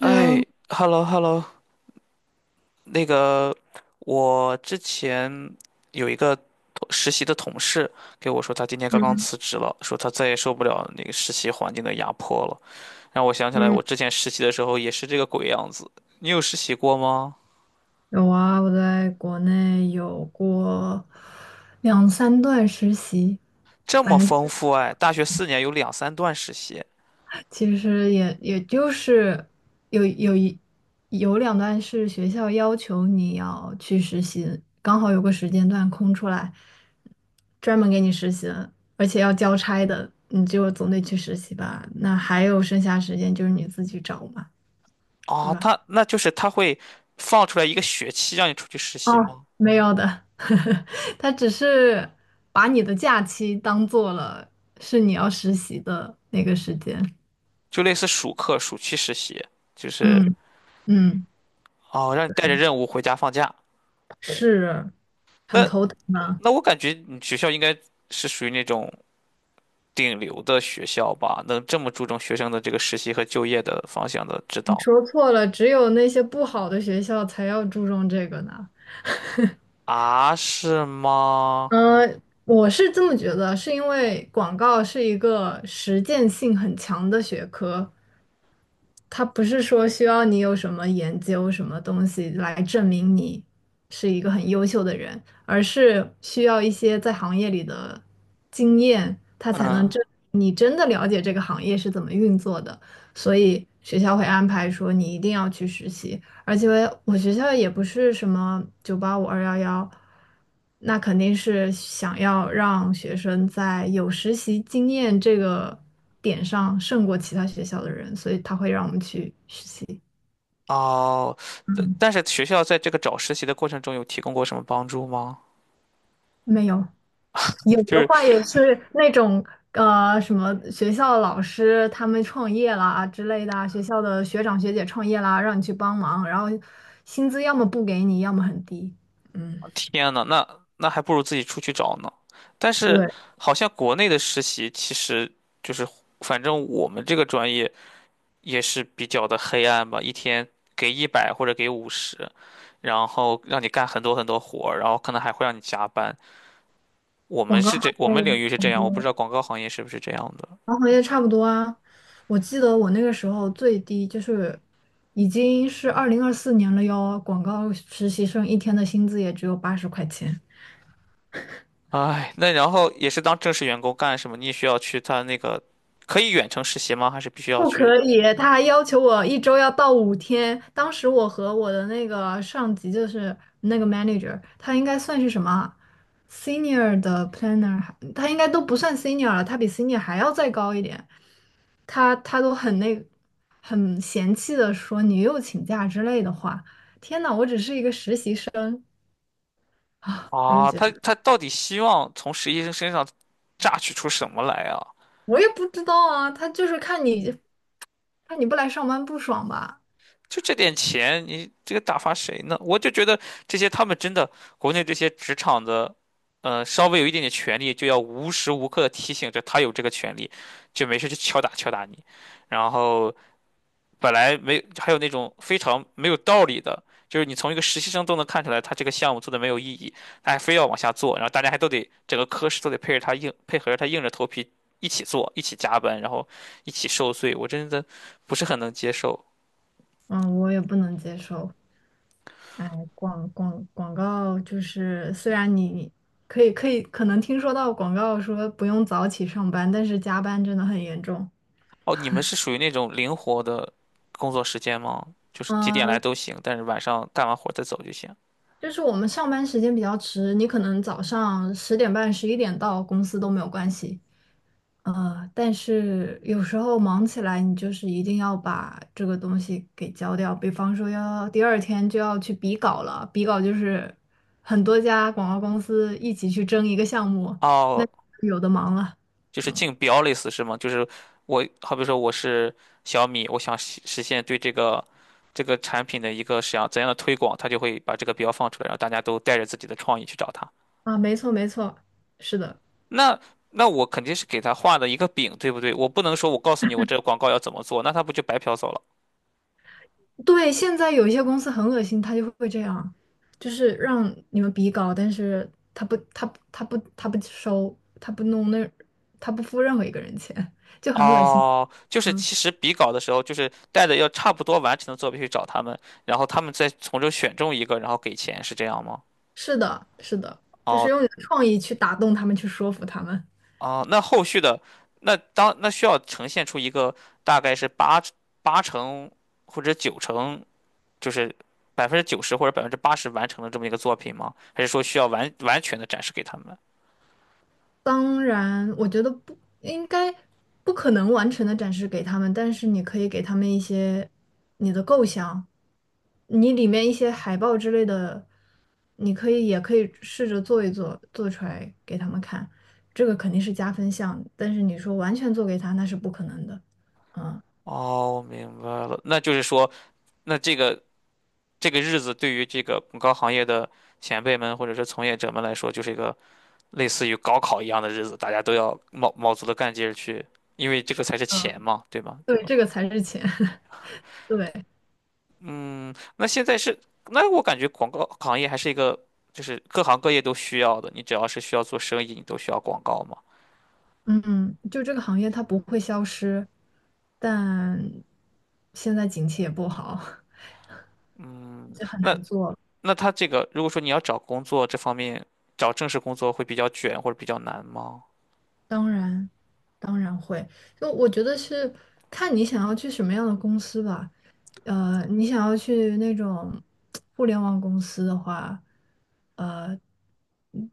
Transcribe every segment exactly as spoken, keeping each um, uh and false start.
哎 Hello。，hello hello，那个我之前有一个同实习的同事给我说，他今天刚刚嗯辞职了，说他再也受不了那个实习环境的压迫了，让我想起来嗯，我之前实习的时候也是这个鬼样子。你有实习过吗？有啊，我在国内有过两三段实习。这么反正丰富哎，大学四年有两三段实习其实也也就是有有一有两段是学校要求你要去实习，刚好有个时间段空出来，专门给你实习的，而且要交差的，你就总得去实习吧。那还有剩下时间就是你自己找嘛，对啊，吧？他那就是他会放出来一个学期让你出去实习哦，吗？没有的，他只是把你的假期当做了是你要实习的那个时间。就类似暑课、暑期实习，就是嗯嗯，哦，让你带着任务回家放假。是很那头疼呢。那我感觉你学校应该是属于那种顶流的学校吧，能这么注重学生的这个实习和就业的方向的指你导。说错了，只有那些不好的学校才要注重这个呢。啊？是吗？嗯，我是这么觉得，是因为广告是一个实践性很强的学科，它不是说需要你有什么研究什么东西来证明你是一个很优秀的人，而是需要一些在行业里的经验，它才能嗯。证明你真的了解这个行业是怎么运作的。所以学校会安排说你一定要去实习，而且我学校也不是什么九八五二幺幺，那肯定是想要让学生在有实习经验这个点上胜过其他学校的人，所以他会让我们去实习。哦，但嗯，但是学校在这个找实习的过程中有提供过什么帮助吗？没有，有就的是话也是那种呃什么学校的老师他们创业啦啊之类的啊，学校的学长学姐创业啦，让你去帮忙，然后薪资要么不给你，要么很低。嗯，天呐，那那还不如自己出去找呢。但是对，好像国内的实习其实就是，反正我们这个专业。也是比较的黑暗吧，一天给一百或者给五十，然后让你干很多很多活儿然后可能还会让你加班。我们广告是这，我行业们领域是这很样，我不知多。道广告行业是不是这样的。航行业差不多啊，我记得我那个时候最低就是已经是二零二四年了哟，广告实习生一天的薪资也只有八十块钱。唉，那然后也是当正式员工干什么？你也需要去他那个，可以远程实习吗？还是必须要不去？可以，他还要求我一周要到五天。当时我和我的那个上级，就是那个 manager,他应该算是什么啊 senior 的 planner,还他应该都不算 senior 了，他比 senior 还要再高一点。他他都很那很嫌弃的说你又请假之类的话。天呐，我只是一个实习生啊，我就啊，觉得他他到底希望从实习生身上榨取出什么来啊？我也不知道啊，他就是看你看你不来上班不爽吧。就这点钱，你这个打发谁呢？我就觉得这些他们真的，国内这些职场的，呃，稍微有一点点权利，就要无时无刻的提醒着他有这个权利，就没事就敲打敲打你。然后本来没，还有那种非常没有道理的，就是你从一个实习生都能看出来他这个项目做的没有意义，他还非要往下做，然后大家还都得整个科室都得配着他硬配合着他硬着头皮一起做，一起加班，然后一起受罪，我真的不是很能接受。嗯，我也不能接受。哎，广广广告就是，虽然你可以可以可能听说到广告说不用早起上班，但是加班真的很严重。哦，你们是属于那种灵活的工作时间吗？就是几点来嗯，都行，但是晚上干完活儿再走就行。就是我们上班时间比较迟，你可能早上十点半、十一点到公司都没有关系，呃，但是有时候忙起来，你就是一定要把这个东西给交掉。比方说，要第二天就要去比稿了。比稿就是很多家广告公司一起去争一个项目，那哦，有的忙了。就是竞嗯，标类似是吗？就是我，好比说我是小米，我想实实现对这个这个产品的一个想怎样的推广，他就会把这个标放出来，然后大家都带着自己的创意去找他。啊，没错没错，是的。那那我肯定是给他画的一个饼，对不对？我不能说我告诉你我这个广告要怎么做，那他不就白嫖走了？对，现在有一些公司很恶心，他就会这样，就是让你们比稿，但是他不他不他不他不收，他不弄那，他不付任何一个人钱，就很恶心。哦，就是嗯。其实比稿的时候，就是带着要差不多完成的作品去找他们，然后他们再从中选中一个，然后给钱，是这样吗？是的，是的，就是哦用你的创意去打动他们，去说服他们。哦，那后续的那当那需要呈现出一个大概是八八成或者九成，就是百分之九十或者百分之八十完成的这么一个作品吗？还是说需要完完全的展示给他们？当然，我觉得不应该不可能完成的展示给他们，但是你可以给他们一些你的构想，你里面一些海报之类的，你可以也可以试着做一做，做出来给他们看，这个肯定是加分项。但是你说完全做给他，那是不可能的。嗯，哦，我明白了，那就是说，那这个这个日子对于这个广告行业的前辈们或者是从业者们来说，就是一个。类似于高考一样的日子，大家都要卯卯足了干劲儿去，因为这个才是钱嘛，对吗？对，这个才是钱，对。嗯，那现在是，那我感觉广告行业还是一个，就是各行各业都需要的。你只要是需要做生意，你都需要广告嘛。嗯，就这个行业它不会消失，但现在景气也不好，就很那难做了。那他这个，如果说你要找工作这方面，找正式工作会比较卷或者比较难吗？当然，当然会。就我觉得是看你想要去什么样的公司吧。呃，你想要去那种互联网公司的话，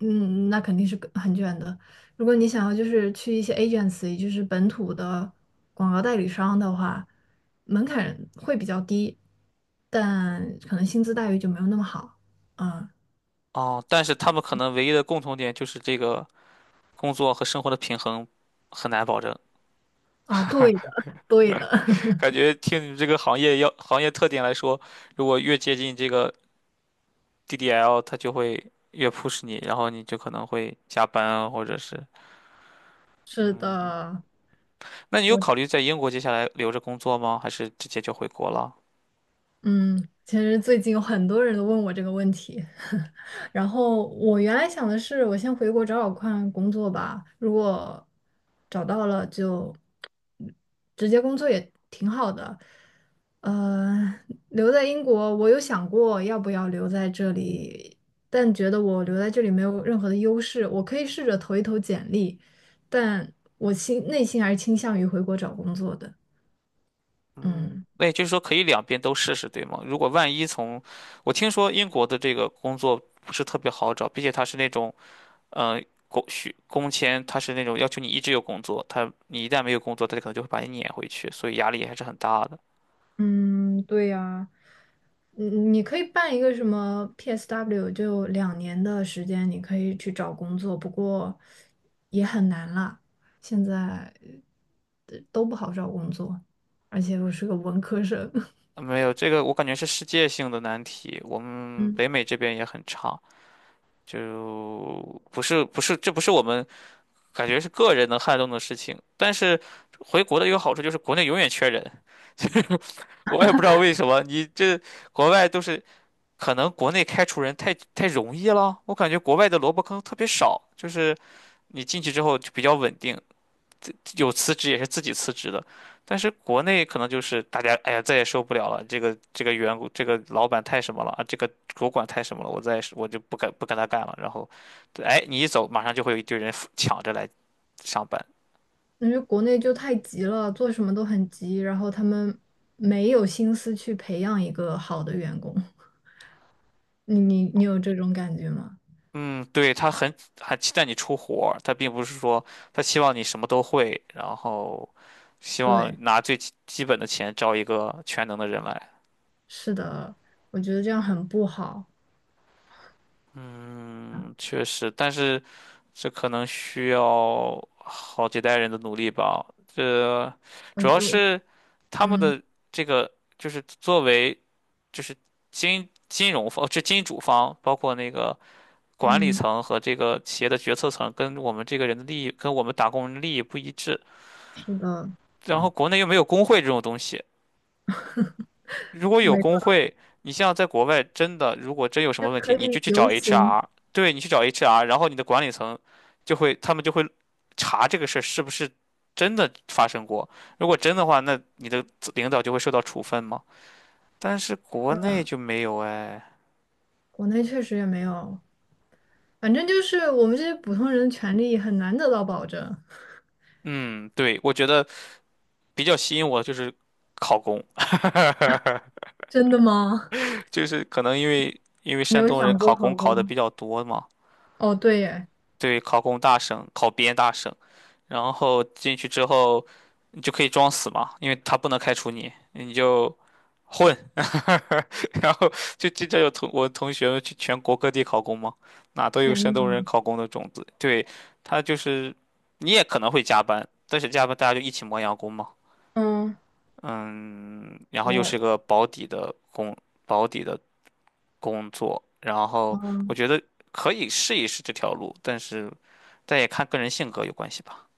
嗯，那肯定是更很卷的。如果你想要就是去一些 agency,就是本土的广告代理商的话，门槛会比较低，但可能薪资待遇就没有那么好。啊，哦，但是他们可能唯一的共同点就是这个工作和生活的平衡很难保证。啊，对的，对的，感觉听你这个行业要行业特点来说，如果越接近这个 D D L 它就会越 push 你，然后你就可能会加班啊或者是 是嗯，的。那你有我。考虑在英国接下来留着工作吗？还是直接就回国了？嗯，其实最近有很多人都问我这个问题，然后我原来想的是，我先回国找找看工作吧，如果找到了就嗯直接工作也挺好的。呃，留在英国，我有想过要不要留在这里，但觉得我留在这里没有任何的优势，我可以试着投一投简历，但我心内心还是倾向于回国找工作的。嗯，嗯。那也就是说可以两边都试试，对吗？如果万一从，我听说英国的这个工作不是特别好找，并且它是那种，呃，工许工签，它是那种要求你一直有工作，他你一旦没有工作，它可能就会把你撵回去，所以压力还是很大的。嗯，对呀。嗯，你可以办一个什么 P S W,就两年的时间，你可以去找工作，不过也很难啦。现在呃都不好找工作，而且我是个文科生，没有，这个我感觉是世界性的难题，我们嗯，北美这边也很差。就不是不是，这不是我们感觉是个人能撼动的事情。但是回国的一个好处就是国内永远缺人，就是我也不知道为什么。你这国外都是可能国内开除人太太容易了，我感觉国外的萝卜坑特别少，就是你进去之后就比较稳定。有辞职也是自己辞职的，但是国内可能就是大家，哎呀，再也受不了了，这个这个员工，这个老板太什么了啊，这个主管太什么了，我再我就不跟不跟他干了。然后，哎，你一走，马上就会有一堆人抢着来上班。因为国内就太急了，做什么都很急，然后他们没有心思去培养一个好的员工。你你你有这种感觉吗？嗯，对，他很很期待你出活儿他并不是说他希望你什么都会，然后希望对，拿最基基本的钱招一个全能的人来。是的，我觉得这样很不好。嗯确实，但是。这可能需要好几代人的努力吧。这我主要就是他们嗯。的这个，就是作为就是金金融方，哦这金主方，包括那个管理嗯，层和这个企业的决策层，跟我们这个人的利益，跟我们打工人的利益不一致。是的，然后国内又没有工会这种东西，如果有没错，工会，你像在国外，真的如果真有什就么问可题，你就以去游找 行。H R，对你去找 H R，然后你的管理层就会，他们就会查这个事儿是不是真的发生过。如果真的话，那你的领导就会受到处分嘛。但是国内就没有哎。国内确实也没有，反正就是我们这些普通人的权利很难得到保证。嗯，对，我觉得比较吸引我的就是考公，真的吗？就是可能因为因为你山有东人想考过好公过考的吗？比较多嘛，哦，对耶，对，考公大省，考编大省。然后进去之后，你就可以装死嘛，因为他不能开除你，你就混，然后就经常有同我同学们去全国各地考公嘛，哪都有天山东呐，人考公的种子。对，他就是你也可能会加班，但是加班大家就一起磨洋工嘛，嗯，嗯，然后又是我。个保底的工，保底的工作，然后我嗯。觉得可以试一试这条路，但是但也看个人性格有关系吧。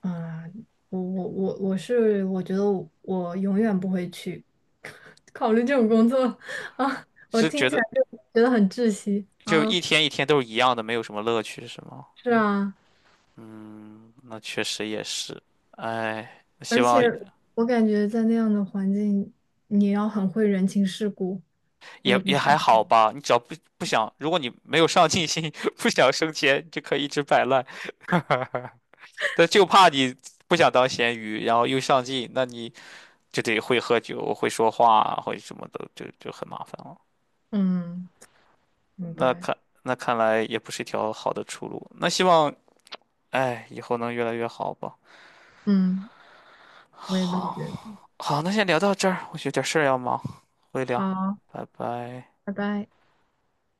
啊、我我我我是，我觉得我，我永远不会去 考虑这种工作 啊，我是听觉起得来就觉得很窒息就啊。一天一天都是一样的，没有什么乐趣，是吗？是啊。嗯，那确实也是。哎，希而且望我感觉在那样的环境，你要很会人情世故，我也也不也擅还好长。吧。你只要不不想，如果你没有上进心，不想升迁，就可以一直摆烂。但就怕你不想当咸鱼，然后又上进，那你就得会喝酒、会说话啊、会什么的，就就很麻烦了。嗯，明那白。看那看来也不是一条好的出路。那希望，哎，以后能越来越好吧。嗯，我也这么觉好。得。好，那先聊到这儿，我有点事儿要忙，回聊，好，拜拜。拜拜。